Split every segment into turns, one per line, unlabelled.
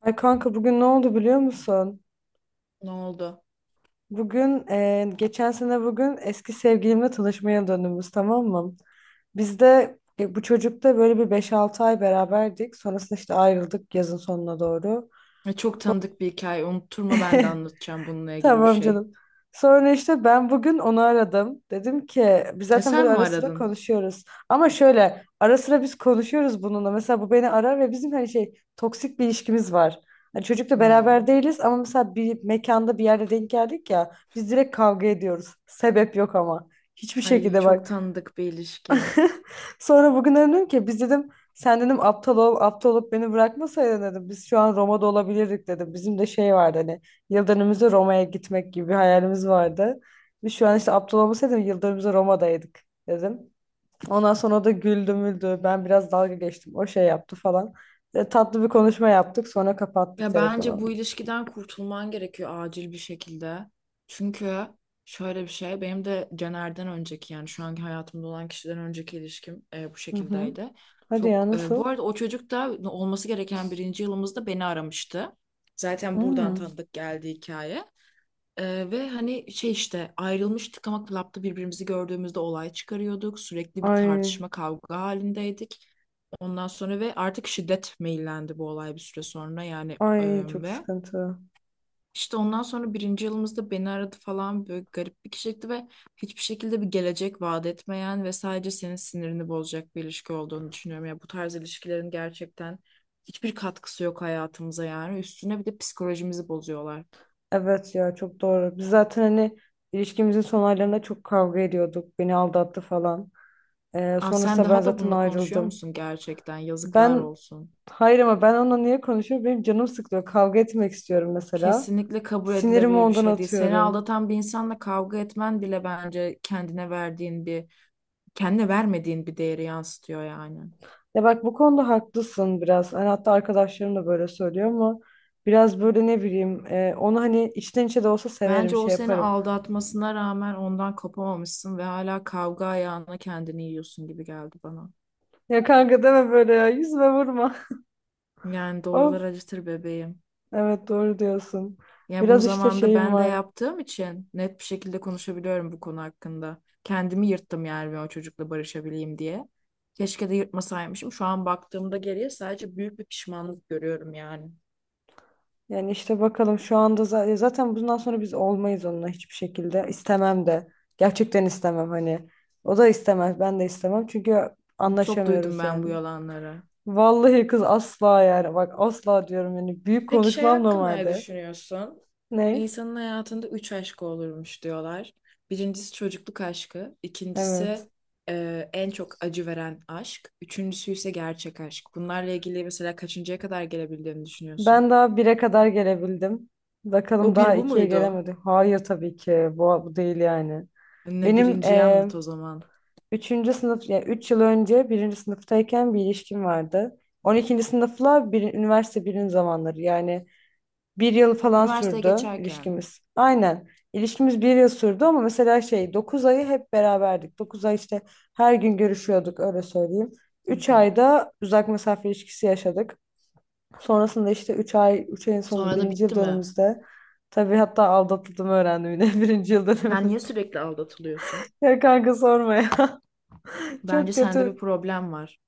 Ay kanka, bugün ne oldu biliyor musun?
Ne oldu?
Bugün geçen sene bugün eski sevgilimle tanışmaya döndüğümüz, tamam mı? Biz de bu çocukla böyle bir beş altı ay beraberdik. Sonrasında işte ayrıldık yazın sonuna doğru.
Çok tanıdık bir hikaye. Unutturma ben de anlatacağım bununla ilgili bir
Tamam
şey.
canım. Sonra işte ben bugün onu aradım. Dedim ki biz
E
zaten
sen
böyle
mi
ara sıra
aradın?
konuşuyoruz. Ama şöyle ara sıra biz konuşuyoruz bununla. Mesela bu beni arar ve bizim hani şey toksik bir ilişkimiz var. Hani çocukla beraber
Hmm.
değiliz ama mesela bir mekanda bir yerde denk geldik ya biz direkt kavga ediyoruz. Sebep yok ama. Hiçbir
Ay
şekilde
çok
bak.
tanıdık bir ilişki.
Sonra bugün dedim ki biz dedim sen dedim aptal ol aptal olup beni bırakmasaydın dedim biz şu an Roma'da olabilirdik dedim. Bizim de şey vardı, hani yıl dönümümüzde Roma'ya gitmek gibi bir hayalimiz vardı. Biz şu an işte aptal olmasaydım yıl dönümümüzde Roma'daydık dedim. Ondan sonra o da güldü müldü, ben biraz dalga geçtim, o şey yaptı falan. Tatlı bir konuşma yaptık, sonra kapattık
Ya
telefonu.
bence bu ilişkiden kurtulman gerekiyor acil bir şekilde. Çünkü şöyle bir şey, benim de Caner'den önceki, yani şu anki hayatımda olan kişiden önceki ilişkim bu
Hı hı.
şekildeydi.
Hadi ya,
Çok bu
nasıl?
arada o çocuk da olması gereken birinci yılımızda beni aramıştı. Zaten buradan
Hmm.
tanıdık geldi hikaye. Ve hani şey işte ayrılmıştık ama klapta birbirimizi gördüğümüzde olay çıkarıyorduk. Sürekli bir
Ay,
tartışma kavga halindeydik. Ondan sonra ve artık şiddet meyillendi bu olay bir süre sonra yani
ay çok
ve
sıkıntı.
işte ondan sonra birinci yılımızda beni aradı falan, böyle garip bir kişilikti ve hiçbir şekilde bir gelecek vaat etmeyen ve sadece senin sinirini bozacak bir ilişki olduğunu düşünüyorum. Ya bu tarz ilişkilerin gerçekten hiçbir katkısı yok hayatımıza, yani üstüne bir de psikolojimizi bozuyorlar.
Evet ya, çok doğru. Biz zaten hani ilişkimizin son aylarında çok kavga ediyorduk. Beni aldattı falan.
Aa, sen
Sonrasında ben
daha da
zaten
bununla konuşuyor
ayrıldım.
musun gerçekten? Yazıklar
Ben
olsun.
hayır, ama ben onunla niye konuşuyorum? Benim canım sıkılıyor. Kavga etmek istiyorum mesela.
Kesinlikle kabul
Sinirimi
edilebilir bir
ondan
şey değil. Seni
atıyorum.
aldatan bir insanla kavga etmen bile bence kendine verdiğin bir, kendine vermediğin bir değeri yansıtıyor yani.
Ya bak, bu konuda haklısın biraz. Hani hatta arkadaşlarım da böyle söylüyor, ama biraz böyle ne bileyim onu hani içten içe de olsa severim,
Bence o
şey
seni
yaparım.
aldatmasına rağmen ondan kopamamışsın ve hala kavga ayağına kendini yiyorsun gibi geldi bana.
Ya kanka, deme böyle ya, yüzüme vurma.
Yani
Of,
doğrular acıtır bebeğim.
evet doğru diyorsun.
Yani bunu
Biraz işte
zamanında
şeyim
ben de
var.
yaptığım için net bir şekilde konuşabiliyorum bu konu hakkında. Kendimi yırttım yani ben o çocukla barışabileyim diye. Keşke de yırtmasaymışım. Şu an baktığımda geriye sadece büyük bir pişmanlık görüyorum yani.
Yani işte bakalım şu anda zaten bundan sonra biz olmayız onunla hiçbir şekilde. İstemem de. Gerçekten istemem hani. O da istemez, ben de istemem. Çünkü
Çok duydum
anlaşamıyoruz
ben
yani.
bu yalanları.
Vallahi kız asla, yani. Bak asla diyorum yani. Büyük
Peki şey
konuşmam
hakkında ne
normalde.
düşünüyorsun?
Ne?
İnsanın hayatında üç aşkı olurmuş diyorlar. Birincisi çocukluk aşkı,
Evet.
ikincisi en çok acı veren aşk, üçüncüsü ise gerçek aşk. Bunlarla ilgili mesela kaçıncıya kadar gelebildiğini
Ben
düşünüyorsun?
daha bire kadar gelebildim. Bakalım,
O
daha
bir bu
ikiye
muydu?
gelemedim. Hayır tabii ki. Bu değil yani.
Ne,
Benim
birinciyi anlat o zaman.
üçüncü sınıf, ya üç yıl önce birinci sınıftayken bir ilişkim vardı. On ikinci sınıfla bir, üniversite birin zamanları yani bir yıl falan
Üniversiteye
sürdü
geçerken.
ilişkimiz. Aynen. İlişkimiz bir yıl sürdü ama mesela şey 9 ayı hep beraberdik. Dokuz ay işte her gün görüşüyorduk öyle söyleyeyim.
Hı
Üç
hı.
ayda uzak mesafe ilişkisi yaşadık. Sonrasında işte 3 ay, 3 ayın sonunda
Sonra da
birinci yıl
bitti mi?
dönümümüzde, tabii hatta aldatıldığımı öğrendim yine birinci yıl
Sen niye
dönümümüzde.
sürekli aldatılıyorsun?
Ya kanka, sorma ya.
Bence
Çok
sende bir
kötü.
problem var.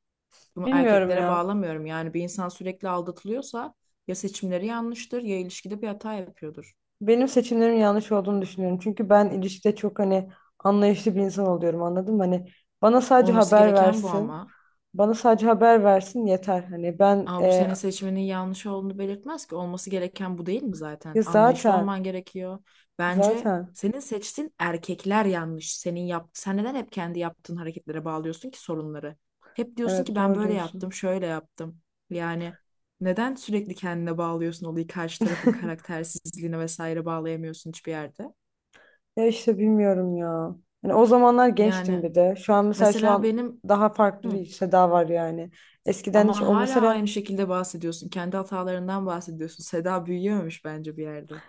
Bunu
Bilmiyorum
erkeklere
ya.
bağlamıyorum. Yani bir insan sürekli aldatılıyorsa ya seçimleri yanlıştır ya ilişkide bir hata yapıyordur.
Benim seçimlerim yanlış olduğunu düşünüyorum. Çünkü ben ilişkide çok hani anlayışlı bir insan oluyorum, anladın mı? Hani bana sadece
Olması
haber
gereken bu
versin.
ama.
Bana sadece haber versin yeter. Hani ben
Aa, bu sene seçmenin yanlış olduğunu belirtmez ki. Olması gereken bu değil mi
ya
zaten? Anlayışlı
zaten
olman gerekiyor. Bence
zaten
senin seçtiğin erkekler yanlış. Sen neden hep kendi yaptığın hareketlere bağlıyorsun ki sorunları? Hep diyorsun ki
evet,
ben
doğru
böyle yaptım,
diyorsun.
şöyle yaptım. Yani neden sürekli kendine bağlıyorsun olayı, karşı tarafın karaktersizliğine vesaire bağlayamıyorsun hiçbir yerde?
Ya işte bilmiyorum ya. Hani o zamanlar gençtim
Yani
bir de. Şu an mesela, şu
mesela
an
benim.
daha farklı
Hı.
bir seda var yani. Eskiden hiç
Ama
o
hala
mesela
aynı şekilde bahsediyorsun. Kendi hatalarından bahsediyorsun. Seda büyüyememiş bence bir yerde.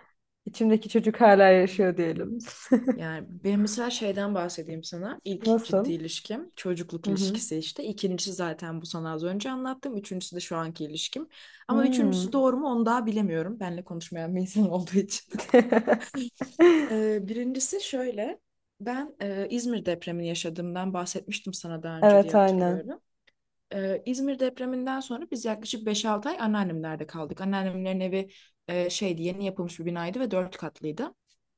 içimdeki çocuk hala yaşıyor diyelim.
Yani ben mesela şeyden bahsedeyim sana. İlk ciddi
Nasıl?
ilişkim çocukluk
Hı hı.
ilişkisi işte. İkincisi zaten bu, sana az önce anlattım. Üçüncüsü de şu anki ilişkim. Ama üçüncüsü
Hmm.
doğru mu onu daha bilemiyorum. Benle konuşmayan bir insan olduğu için. Birincisi şöyle. Ben İzmir depremini yaşadığımdan bahsetmiştim sana daha önce diye
Evet aynen.
hatırlıyorum. İzmir depreminden sonra biz yaklaşık beş altı ay anneannemlerde kaldık. Anneannemlerin evi şeydi, yeni yapılmış bir binaydı ve 4 katlıydı.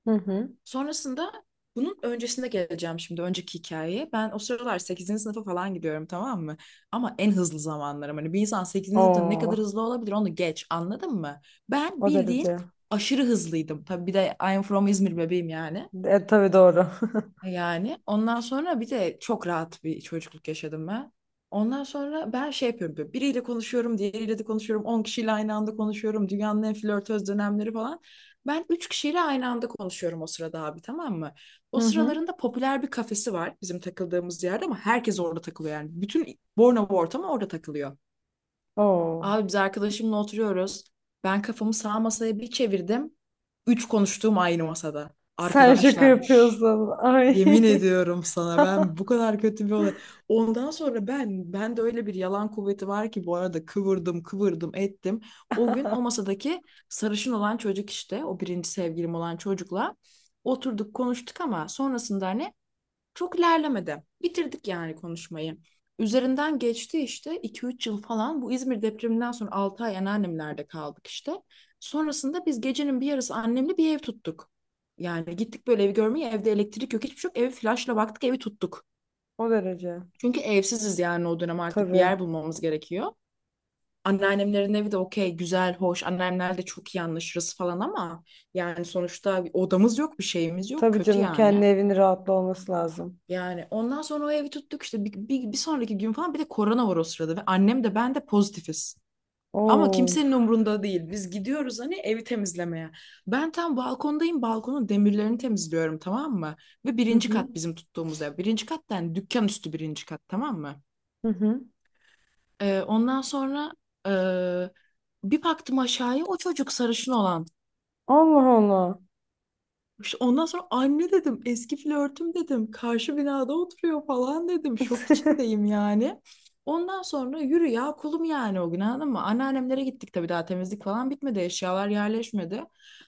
Hı hı.
Sonrasında, bunun öncesinde geleceğim şimdi önceki hikayeye. Ben o sıralar sekizinci sınıfa falan gidiyorum, tamam mı? Ama en hızlı zamanlarım. Hani bir insan sekizinci sınıfta ne
Oo,
kadar hızlı olabilir onu geç, anladın mı? Ben
o
bildiğin
derece.
aşırı hızlıydım. Tabii bir de I'm from İzmir bebeğim yani.
Tabii doğru.
Yani ondan sonra bir de çok rahat bir çocukluk yaşadım ben. Ondan sonra ben şey yapıyorum, böyle biriyle konuşuyorum, diğeriyle de konuşuyorum, 10 kişiyle aynı anda konuşuyorum, dünyanın en flörtöz dönemleri falan. Ben 3 kişiyle aynı anda konuşuyorum o sırada abi, tamam mı? O
Hı hı.
sıralarında popüler bir kafesi var bizim takıldığımız yerde, ama herkes orada takılıyor yani. Bütün Bornova ortamı orada takılıyor.
Oo.
Abi biz arkadaşımla oturuyoruz. Ben kafamı sağ masaya bir çevirdim. Üç konuştuğum aynı masada.
Sen şaka
Arkadaşlarmış.
yapıyorsun. Ay.
Yemin ediyorum sana, ben bu kadar kötü bir olay. Ondan sonra ben de, öyle bir yalan kuvveti var ki bu arada, kıvırdım kıvırdım ettim. O gün o masadaki sarışın olan çocuk, işte o birinci sevgilim olan çocukla oturduk konuştuk ama sonrasında hani çok ilerlemedi. Bitirdik yani konuşmayı. Üzerinden geçti işte 2-3 yıl falan. Bu İzmir depreminden sonra 6 ay anneannemlerde kaldık işte. Sonrasında biz gecenin bir yarısı annemle bir ev tuttuk. Yani gittik böyle evi görmeye, evde elektrik yok hiçbir şey yok. Evi flaşla baktık, evi tuttuk.
O derece.
Çünkü evsiziz yani, o dönem artık bir
Tabii.
yer bulmamız gerekiyor. Anneannemlerin evi de okey, güzel, hoş, anneannemlerle çok iyi anlaşırız falan ama yani sonuçta odamız yok, bir şeyimiz yok,
Tabii
kötü
canım, kendi
yani.
evinin rahatlı olması lazım.
Yani ondan sonra o evi tuttuk işte, bir sonraki gün falan, bir de korona var o sırada ve annem de ben de pozitifiz. Ama
Oo.
kimsenin umrunda değil. Biz gidiyoruz hani evi temizlemeye. Ben tam balkondayım. Balkonun demirlerini temizliyorum, tamam mı? Ve
Hı
birinci
hı.
kat bizim tuttuğumuz ev. Birinci kat yani dükkan üstü birinci kat, tamam mı?
Hı hı.
Ondan sonra e, bir baktım aşağıya, o çocuk sarışın olan.
Allah Allah.
İşte ondan sonra, anne dedim, eski flörtüm dedim, karşı binada oturuyor falan dedim. Şok içindeyim yani. Ondan sonra yürü ya kulum yani, o gün, anladın mı? Anneannemlere gittik tabii, daha temizlik falan bitmedi, eşyalar yerleşmedi.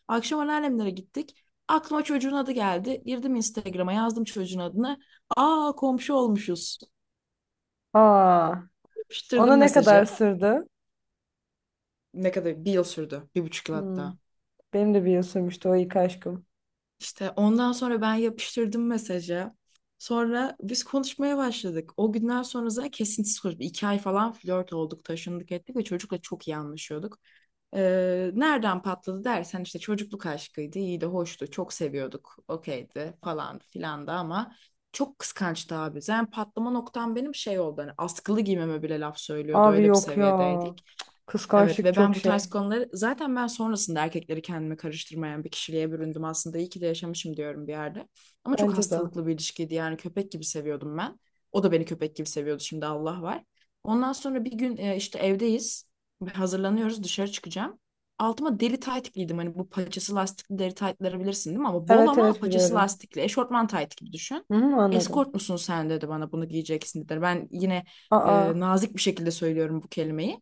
Akşam anneannemlere gittik. Aklıma çocuğun adı geldi. Girdim Instagram'a, yazdım çocuğun adını. Aa, komşu olmuşuz.
Aa. Ona
Yapıştırdım
ne kadar
mesajı.
sürdü?
Ne kadar? Bir yıl sürdü. 1,5 yıl
Hmm.
hatta.
Benim de bir yıl sürmüştü o ilk aşkım.
İşte ondan sonra ben yapıştırdım mesajı. Sonra biz konuşmaya başladık. O günden sonra zaten kesintisiz konuştuk. 2 ay falan flört olduk, taşındık ettik ve çocukla çok iyi anlaşıyorduk. Nereden patladı dersen, işte çocukluk aşkıydı, iyi de hoştu, çok seviyorduk, okeydi falan filan da ama çok kıskançtı abi. Zaten patlama noktam benim şey oldu, hani askılı giymeme bile laf söylüyordu,
Abi
öyle bir
yok ya.
seviyedeydik. Evet,
Kıskançlık
ve
çok
ben bu tarz
şey.
konuları zaten ben sonrasında erkekleri kendime karıştırmayan bir kişiliğe büründüm aslında. İyi ki de yaşamışım diyorum bir yerde. Ama çok
Bence de.
hastalıklı bir ilişkiydi yani, köpek gibi seviyordum ben. O da beni köpek gibi seviyordu şimdi, Allah var. Ondan sonra bir gün işte evdeyiz. Hazırlanıyoruz, dışarı çıkacağım. Altıma deri tayt giydim, hani bu paçası lastikli deri taytları bilirsin değil mi? Ama bol,
Evet
ama
evet,
paçası
biliyorum.
lastikli eşortman tayt gibi düşün.
Hı hı, anladım.
Eskort musun sen, dedi, bana bunu giyeceksin dedi. Ben yine
Aa.
nazik bir şekilde söylüyorum bu kelimeyi.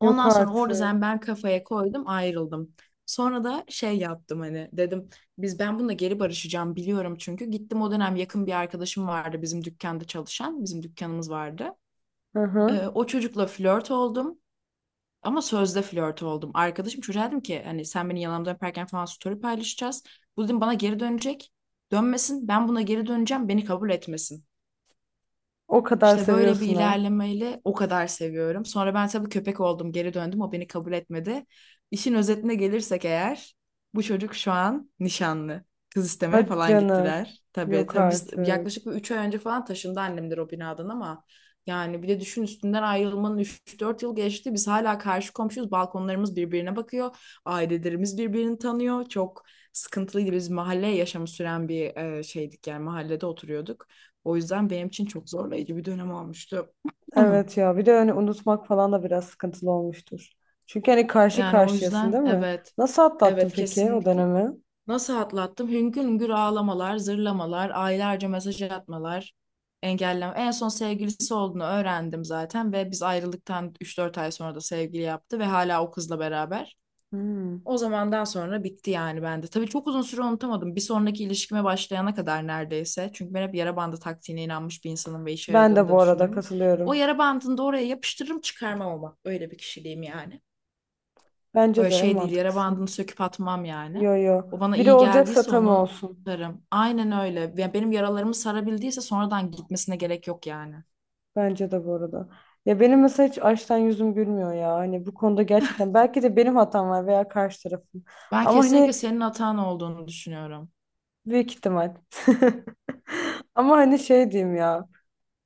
Yok
Ondan sonra orada
artık.
zaten ben kafaya koydum, ayrıldım. Sonra da şey yaptım, hani dedim, ben bununla geri barışacağım biliyorum çünkü. Gittim, o dönem yakın bir arkadaşım vardı bizim dükkanda çalışan, bizim dükkanımız vardı.
Hı
Ee,
hı.
o çocukla flört oldum, ama sözde flört oldum. Arkadaşım çocuğa dedim ki hani, sen beni yalandan öperken falan story paylaşacağız. Bu dedim bana geri dönecek. Dönmesin, ben buna geri döneceğim, beni kabul etmesin.
O kadar
İşte böyle bir
seviyorsun ha.
ilerlemeyle, o kadar seviyorum. Sonra ben tabii köpek oldum, geri döndüm. O beni kabul etmedi. İşin özetine gelirsek eğer, bu çocuk şu an nişanlı. Kız istemeye
Hadi
falan
canım.
gittiler. Tabii
Yok
tabii, biz
artık.
yaklaşık bir 3 ay önce falan taşındı annemdir o binadan ama, yani bir de düşün, üstünden ayrılmanın 3-4 yıl geçti. Biz hala karşı komşuyuz. Balkonlarımız birbirine bakıyor. Ailelerimiz birbirini tanıyor. Çok sıkıntılıydı. Biz mahalle yaşamı süren bir şeydik yani, mahallede oturuyorduk. O yüzden benim için çok zorlayıcı bir dönem olmuştu.
Evet ya, bir de hani unutmak falan da biraz sıkıntılı olmuştur. Çünkü hani karşı
Yani o
karşıyasın
yüzden
değil mi?
evet,
Nasıl atlattın
evet
peki o
kesinlikle.
dönemi?
Nasıl atlattım? Hüngür hüngür ağlamalar, zırlamalar, aylarca mesaj atmalar, engelleme. En son sevgilisi olduğunu öğrendim zaten ve biz ayrılıktan 3-4 ay sonra da sevgili yaptı ve hala o kızla beraber.
Hmm.
O zamandan sonra bitti yani bende. Tabii çok uzun süre unutamadım. Bir sonraki ilişkime başlayana kadar neredeyse. Çünkü ben hep yara bandı taktiğine inanmış bir insanım ve işe
Ben
yaradığını
de bu
da
arada
düşünürüm. O
katılıyorum.
yara bandını da oraya yapıştırırım, çıkarmam ama. Öyle bir kişiliğim yani.
Bence
Böyle
de en
şey değil, yara
mantıklısı.
bandını söküp atmam yani.
Yo yo.
O bana
Biri
iyi
olacaksa
geldiyse
tam
onu
olsun.
sararım. Aynen öyle. Ya benim yaralarımı sarabildiyse sonradan, gitmesine gerek yok yani.
Bence de bu arada. Ya benim mesela hiç açtan yüzüm gülmüyor ya. Hani bu konuda gerçekten belki de benim hatam var veya karşı tarafın.
Ben
Ama
kesinlikle
hani
senin hatan olduğunu düşünüyorum.
büyük ihtimal. Ama hani şey diyeyim ya.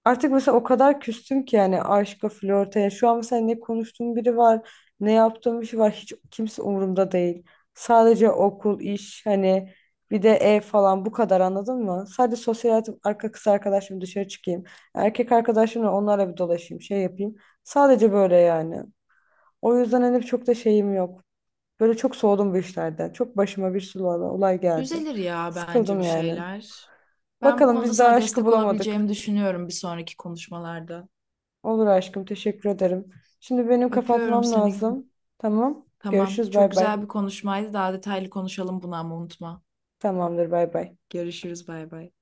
Artık mesela o kadar küstüm ki yani aşka, flörte. Yani şu an mesela ne konuştuğum biri var, ne yaptığım bir şey var. Hiç kimse umurumda değil. Sadece okul, iş, hani bir de ev falan bu kadar, anladın mı? Sadece sosyal hayatım, arka kız arkadaşım dışarı çıkayım. Erkek arkadaşımla onlarla bir dolaşayım, şey yapayım. Sadece böyle yani. O yüzden hani çok da şeyim yok. Böyle çok soğudum bu işlerden. Çok başıma bir sürü olay geldi.
Düzelir ya bence bir
Sıkıldım yani.
şeyler. Ben bu
Bakalım,
konuda
biz daha
sana
aşkı
destek olabileceğimi
bulamadık.
düşünüyorum bir sonraki konuşmalarda.
Olur aşkım, teşekkür ederim. Şimdi benim
Öpüyorum
kapatmam
seni.
lazım. Tamam.
Tamam.
Görüşürüz,
Çok
bay bay.
güzel bir konuşmaydı. Daha detaylı konuşalım bunu ama, unutma.
Tamamdır, bay bay.
Görüşürüz. Bay bay.